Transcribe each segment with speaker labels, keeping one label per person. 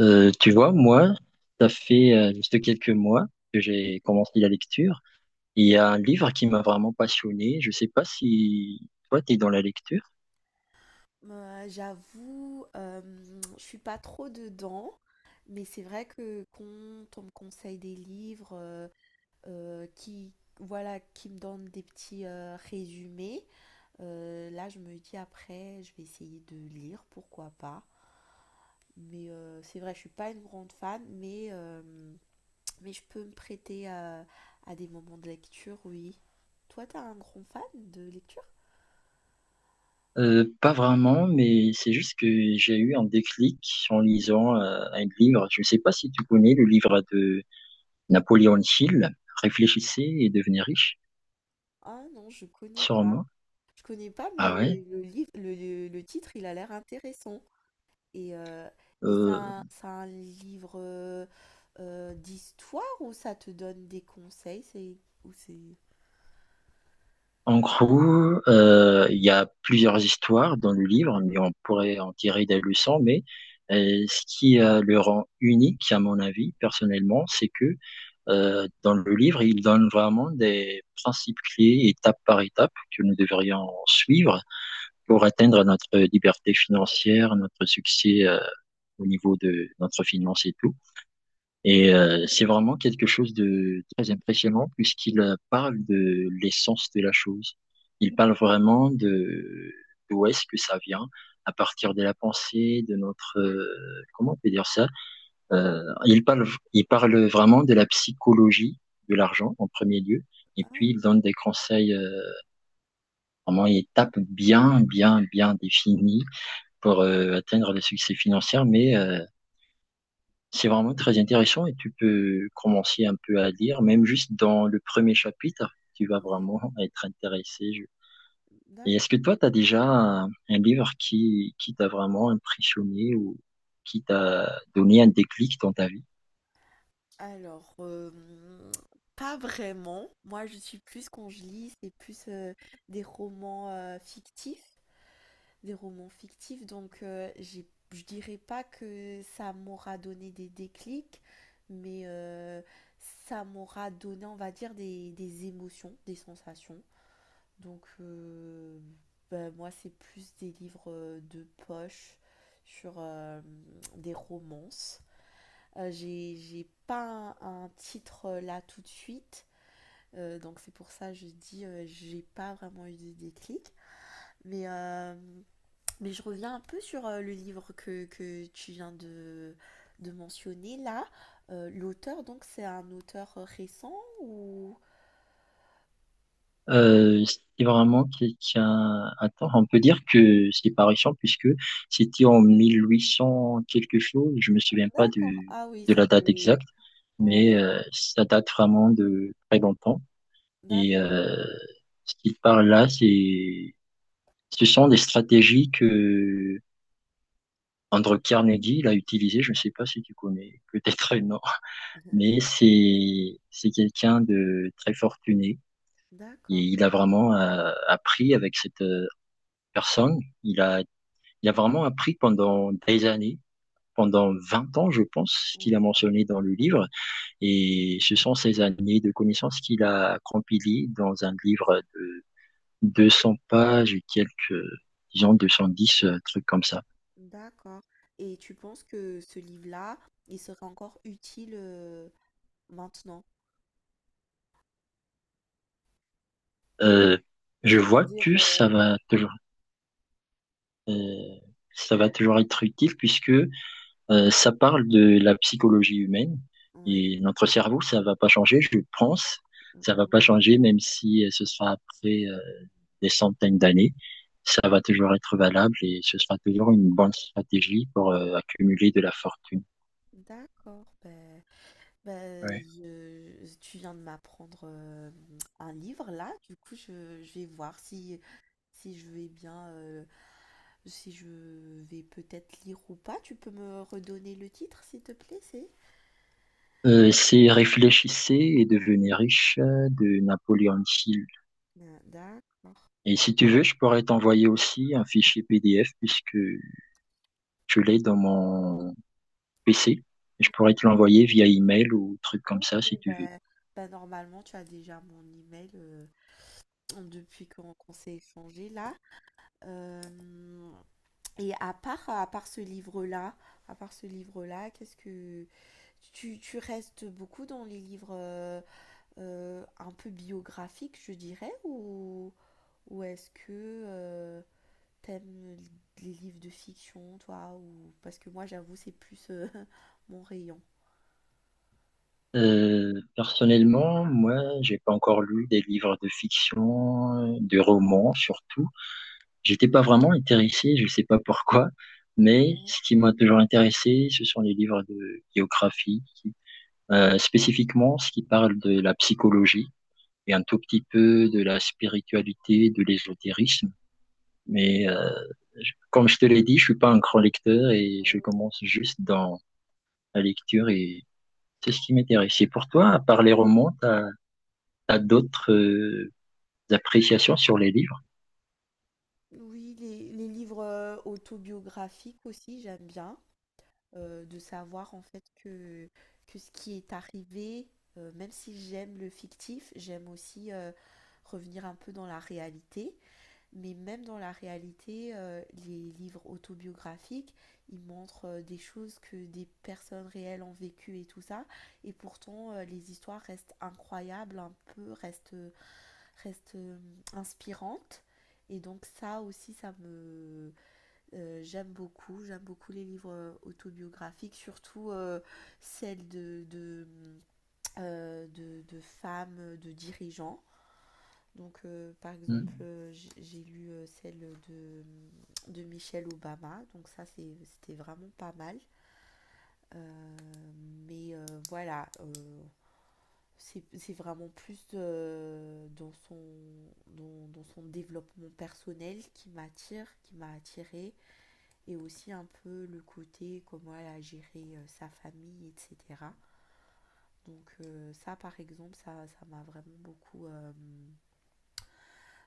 Speaker 1: Tu vois, moi, ça fait juste quelques mois que j'ai commencé la lecture. Il y a un livre qui m'a vraiment passionné. Je sais pas si toi, tu es dans la lecture.
Speaker 2: J'avoue, je suis pas trop dedans, mais c'est vrai que quand on me conseille des livres, qui voilà, qui me donnent des petits, résumés, là, je me dis après, je vais essayer de lire, pourquoi pas. Mais c'est vrai, je suis pas une grande fan, mais, mais je peux me prêter à des moments de lecture, oui. Toi, t'as un grand fan de lecture?
Speaker 1: Pas vraiment, mais c'est juste que j'ai eu un déclic en
Speaker 2: Mmh.
Speaker 1: lisant un livre. Je sais pas si tu connais le livre de Napoléon Hill, Réfléchissez et devenez riche,
Speaker 2: Ah non, je connais pas.
Speaker 1: sûrement.
Speaker 2: Je connais pas,
Speaker 1: Ah ouais?
Speaker 2: mais le livre, le titre, il a l'air intéressant. Et, euh, et
Speaker 1: Euh,
Speaker 2: c'est un livre d'histoire ou ça te donne des conseils? Ou c'est...
Speaker 1: En gros, il y a plusieurs histoires dans le livre, mais on pourrait en tirer des leçons. Mais ce qui le rend unique, à mon avis, personnellement, c'est que dans le livre, il donne vraiment des principes clés, étape par étape, que nous devrions suivre pour atteindre notre liberté financière, notre succès au niveau de notre finance et tout. Et c'est vraiment quelque chose de très impressionnant puisqu'il parle de l'essence de la chose. Il parle vraiment de d'où est-ce que ça vient, à partir de la pensée, de notre comment on peut dire ça. Euh, il parle il parle vraiment de la psychologie de l'argent en premier lieu. Et
Speaker 2: Ah
Speaker 1: puis il
Speaker 2: oui,
Speaker 1: donne des conseils, vraiment étapes bien, bien, bien définies pour atteindre le succès financier, mais c'est vraiment très intéressant et tu peux commencer un peu à lire, même juste dans le premier chapitre, tu vas
Speaker 2: ouais,
Speaker 1: vraiment être intéressé. Et est-ce que
Speaker 2: d'accord.
Speaker 1: toi, tu as déjà un livre qui t'a vraiment impressionné ou qui t'a donné un déclic dans ta vie?
Speaker 2: Alors, pas vraiment. Moi, je suis plus, quand je lis, c'est plus des romans fictifs. Des romans fictifs, donc je dirais pas que ça m'aura donné des déclics, mais ça m'aura donné, on va dire, des émotions, des sensations. Donc bah, moi, c'est plus des livres de poche sur des romances. J'ai pas un titre là tout de suite, donc c'est pour ça que je dis j'ai pas vraiment eu de déclic. Mais mais je reviens un peu sur le livre que tu viens de mentionner là. L'auteur, donc, c'est un auteur récent ou...
Speaker 1: C'est vraiment quelqu'un... Attends, on peut dire que c'est pas récent puisque c'était en 1800 quelque chose, je me souviens pas
Speaker 2: D'accord. Ah oui,
Speaker 1: de
Speaker 2: ça
Speaker 1: la date
Speaker 2: fait...
Speaker 1: exacte, mais
Speaker 2: Ouais,
Speaker 1: ça date vraiment de très longtemps. Et
Speaker 2: d'accord.
Speaker 1: ce qu'il parle là, c'est, ce sont des stratégies que Andrew Carnegie l'a utilisé. Je ne sais pas si tu connais, peut-être non, mais c'est quelqu'un de très fortuné et
Speaker 2: D'accord.
Speaker 1: il a vraiment appris avec cette personne. Il a vraiment appris pendant des années. Pendant 20 ans, je pense, qu'il a
Speaker 2: Oui,
Speaker 1: mentionné dans le livre, et ce sont ces années de connaissances qu'il a compilées dans un livre de 200 pages et quelques, disons 210, trucs comme ça.
Speaker 2: d'accord. Et tu penses que ce livre-là, il serait encore utile maintenant?
Speaker 1: Euh, je vois
Speaker 2: C'est-à-dire,
Speaker 1: que
Speaker 2: ouais.
Speaker 1: euh, ça va toujours être utile puisque ça parle de la psychologie humaine
Speaker 2: Oui.
Speaker 1: et notre cerveau, ça va pas changer, je pense.
Speaker 2: Mm,
Speaker 1: Ça va
Speaker 2: mm.
Speaker 1: pas changer même si ce sera après des centaines d'années. Ça va toujours être valable et ce sera toujours une bonne stratégie pour accumuler de la fortune.
Speaker 2: D'accord. Ben, ben,
Speaker 1: Ouais.
Speaker 2: je, je- tu viens de m'apprendre un livre là. Du coup, je vais voir si... Si je vais bien, si je vais peut-être lire ou pas, tu peux me redonner le titre, s'il te plaît, c'est?
Speaker 1: C'est Réfléchissez et devenez riche de Napoléon Hill.
Speaker 2: Mmh, d'accord.
Speaker 1: Et si tu veux, je pourrais t'envoyer aussi un fichier PDF puisque je l'ai dans mon PC. Je
Speaker 2: Bah,
Speaker 1: pourrais te l'envoyer via email ou truc comme
Speaker 2: OK,
Speaker 1: ça si tu veux.
Speaker 2: bah bah, normalement, tu as déjà mon email, depuis qu'on s'est échangé là. Hem Et à part ce livre-là, qu'est-ce que tu restes beaucoup dans les livres, un peu biographiques, je dirais? Ou est-ce que, euh, t'aimes les livres de fiction, toi, ou parce que moi, j'avoue, c'est plus mon rayon.
Speaker 1: Personnellement, moi, j'ai pas encore lu des livres de fiction, de romans surtout. J'étais pas vraiment intéressé, je sais pas pourquoi, mais
Speaker 2: Ouais.
Speaker 1: ce qui m'a toujours intéressé, ce sont les livres de biographie, spécifiquement ce qui parle de la psychologie et un tout petit peu de la spiritualité, de l'ésotérisme. Mais comme je te l'ai dit, je suis pas un grand lecteur et je commence juste dans la lecture et c'est ce qui m'intéresse. Et pour toi, à part les romans, t'as d'autres appréciations sur les livres?
Speaker 2: Oui, les livres autobiographiques aussi, j'aime bien de savoir en fait que ce qui est arrivé, même si j'aime le fictif, j'aime aussi revenir un peu dans la réalité. Mais même dans la réalité, les livres autobiographiques, ils montrent des choses que des personnes réelles ont vécues et tout ça. Et pourtant, les histoires restent incroyables, un peu, restent inspirantes. Et donc ça aussi, ça me... j'aime beaucoup. J'aime beaucoup les livres autobiographiques, surtout celles de femmes, de dirigeants. Donc, par
Speaker 1: Hmm.
Speaker 2: exemple, j'ai lu celle de, de Michelle Obama. Donc, ça, c'était vraiment pas mal. Euh, mais voilà, c'est vraiment plus dans son, dans son développement personnel qui m'attire, qui m'a attirée. Et aussi un peu le côté comment elle a géré sa famille, etc. Donc, ça, par exemple, ça m'a vraiment beaucoup,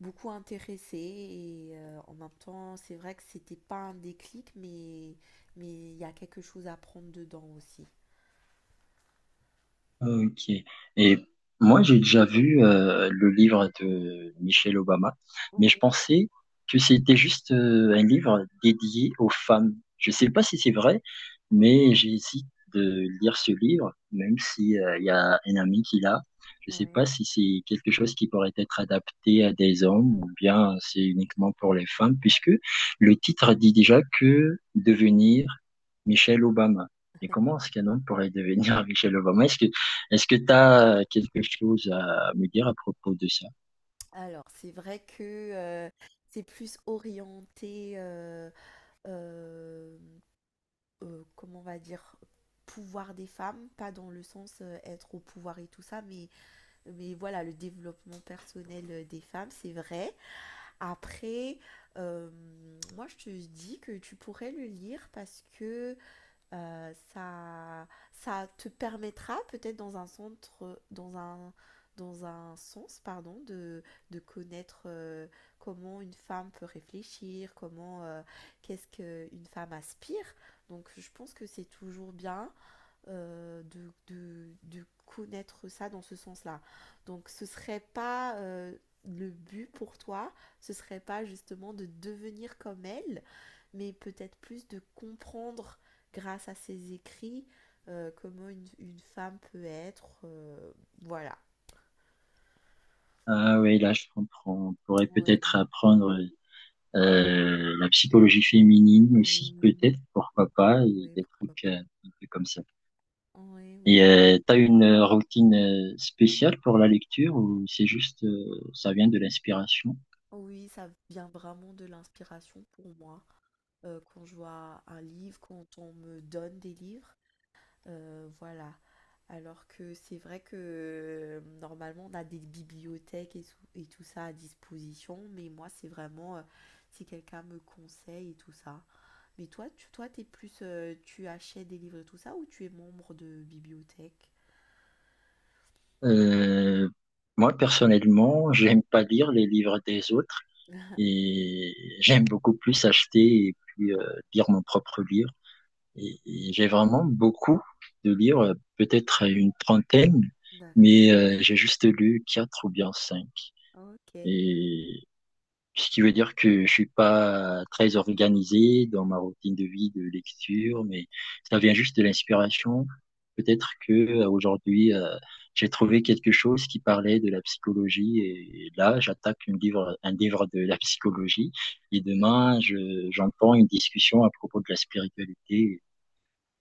Speaker 2: beaucoup intéressée et en même temps, c'est vrai que c'était pas un déclic, mais il y a quelque chose à prendre dedans aussi.
Speaker 1: Ok. Et moi, j'ai déjà vu le livre de Michelle Obama, mais je
Speaker 2: Oui,
Speaker 1: pensais que c'était juste un livre dédié aux femmes. Je sais pas si c'est vrai, mais j'hésite de lire ce livre, même si il y a un ami qui l'a. Je sais
Speaker 2: oui.
Speaker 1: pas si c'est quelque chose qui pourrait être adapté à des hommes ou bien c'est uniquement pour les femmes, puisque le titre dit déjà que devenir Michelle Obama. Et comment est-ce qu'un homme pourrait devenir Michelle Obama? Est-ce que tu as quelque chose à me dire à propos de ça?
Speaker 2: Alors, c'est vrai que euh, c'est plus orienté, euh, comment on va dire, pouvoir des femmes, pas dans le sens être au pouvoir et tout ça, mais voilà, le développement personnel des femmes, c'est vrai. Après, euh, moi, je te dis que tu pourrais le lire parce que Euh, ça, ça te permettra peut-être dans un centre, dans un sens, pardon, de connaître comment une femme peut réfléchir, comment qu'est-ce qu'une femme aspire. Donc je pense que c'est toujours bien de connaître ça dans ce sens-là. Donc ce serait pas le but pour toi, ce serait pas justement de devenir comme elle, mais peut-être plus de comprendre grâce à ses écrits comment une femme peut être, voilà.
Speaker 1: Ah oui, là, je comprends. On pourrait
Speaker 2: Ouais.
Speaker 1: peut-être apprendre la psychologie féminine aussi,
Speaker 2: Oui,
Speaker 1: peut-être, pourquoi pas, et
Speaker 2: oui,
Speaker 1: des
Speaker 2: pourquoi
Speaker 1: trucs
Speaker 2: pas.
Speaker 1: un peu comme ça.
Speaker 2: Oui,
Speaker 1: Et
Speaker 2: oui.
Speaker 1: tu as une routine spéciale pour la lecture ou c'est juste, ça vient de l'inspiration?
Speaker 2: Oui, ça vient vraiment de l'inspiration pour moi. Quand je vois un livre, quand on me donne des livres. Voilà. Alors que c'est vrai que normalement on a des bibliothèques et tout ça à disposition, mais moi c'est vraiment si quelqu'un me conseille et tout ça. Mais toi, toi t'es plus, tu achètes des livres et tout ça ou tu es membre de bibliothèque?
Speaker 1: Euh, moi, personnellement, j'aime pas lire les livres des autres et j'aime beaucoup plus acheter et puis lire mon propre livre. Et j'ai vraiment beaucoup de livres, peut-être une trentaine,
Speaker 2: D'accord,
Speaker 1: mais j'ai juste lu quatre ou bien cinq.
Speaker 2: ok.
Speaker 1: Et ce qui veut dire que je suis pas très organisé dans ma routine de vie de lecture, mais ça vient juste de l'inspiration. Peut-être que aujourd'hui j'ai trouvé quelque chose qui parlait de la psychologie et là j'attaque un livre de la psychologie et demain j'entends une discussion à propos de la spiritualité.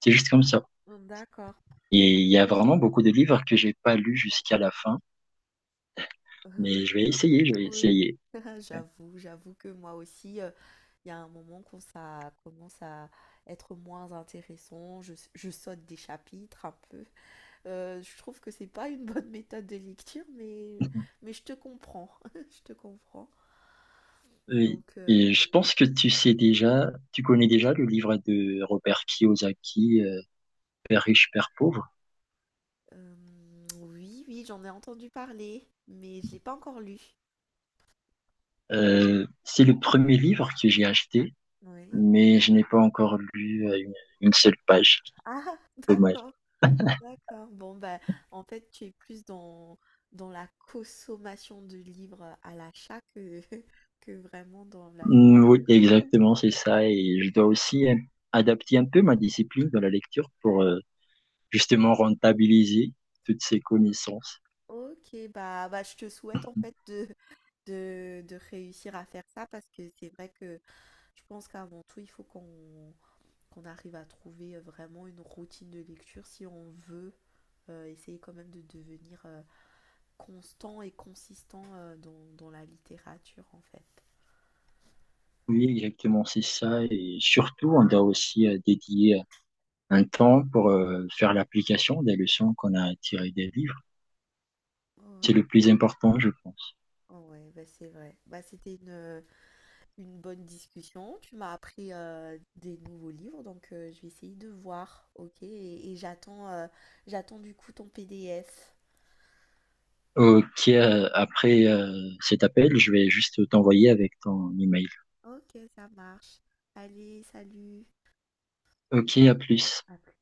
Speaker 1: C'est juste comme ça.
Speaker 2: D'accord.
Speaker 1: Et il y a vraiment beaucoup de livres que j'ai pas lus jusqu'à la fin, mais je vais essayer, je vais
Speaker 2: Oui,
Speaker 1: essayer.
Speaker 2: j'avoue, que moi aussi, il y a un moment quand ça commence à être moins intéressant, je saute des chapitres un peu. Je trouve que c'est pas une bonne méthode de lecture, mais je te comprends, je te comprends.
Speaker 1: Oui.
Speaker 2: Donc,
Speaker 1: Et je pense que tu sais déjà, tu connais déjà le livre de Robert Kiyosaki, Père riche, père pauvre.
Speaker 2: euh, oui, oui, j'en ai entendu parler, mais je l'ai pas encore lu.
Speaker 1: C'est le premier livre que j'ai acheté,
Speaker 2: Oui.
Speaker 1: mais je n'ai pas encore lu une seule page.
Speaker 2: Ah,
Speaker 1: Dommage.
Speaker 2: d'accord. D'accord. Bon, ben, en fait, tu es plus dans, dans la consommation de livres à l'achat que, que vraiment dans la
Speaker 1: Oui,
Speaker 2: lecture.
Speaker 1: exactement, c'est ça. Et je dois aussi adapter un peu ma discipline dans la lecture pour justement rentabiliser toutes ces connaissances.
Speaker 2: Ok, bah, je te souhaite en fait de réussir à faire ça parce que c'est vrai que je pense qu'avant tout, il faut qu'on arrive à trouver vraiment une routine de lecture si on veut essayer quand même de devenir constant et consistant dans la littérature en fait.
Speaker 1: Oui, exactement, c'est ça. Et surtout, on doit aussi dédier un temps pour faire l'application des leçons qu'on a tirées des livres. C'est
Speaker 2: Ouais.
Speaker 1: le plus important, je pense.
Speaker 2: Ouais, bah c'est vrai. Bah, c'était une bonne discussion. Tu m'as appris des nouveaux livres, donc je vais essayer de voir, ok? Et j'attends j'attends du coup ton PDF.
Speaker 1: Ok, après cet appel, je vais juste t'envoyer avec ton email.
Speaker 2: Ok, ça marche. Allez, salut.
Speaker 1: Ok, à plus.
Speaker 2: À plus.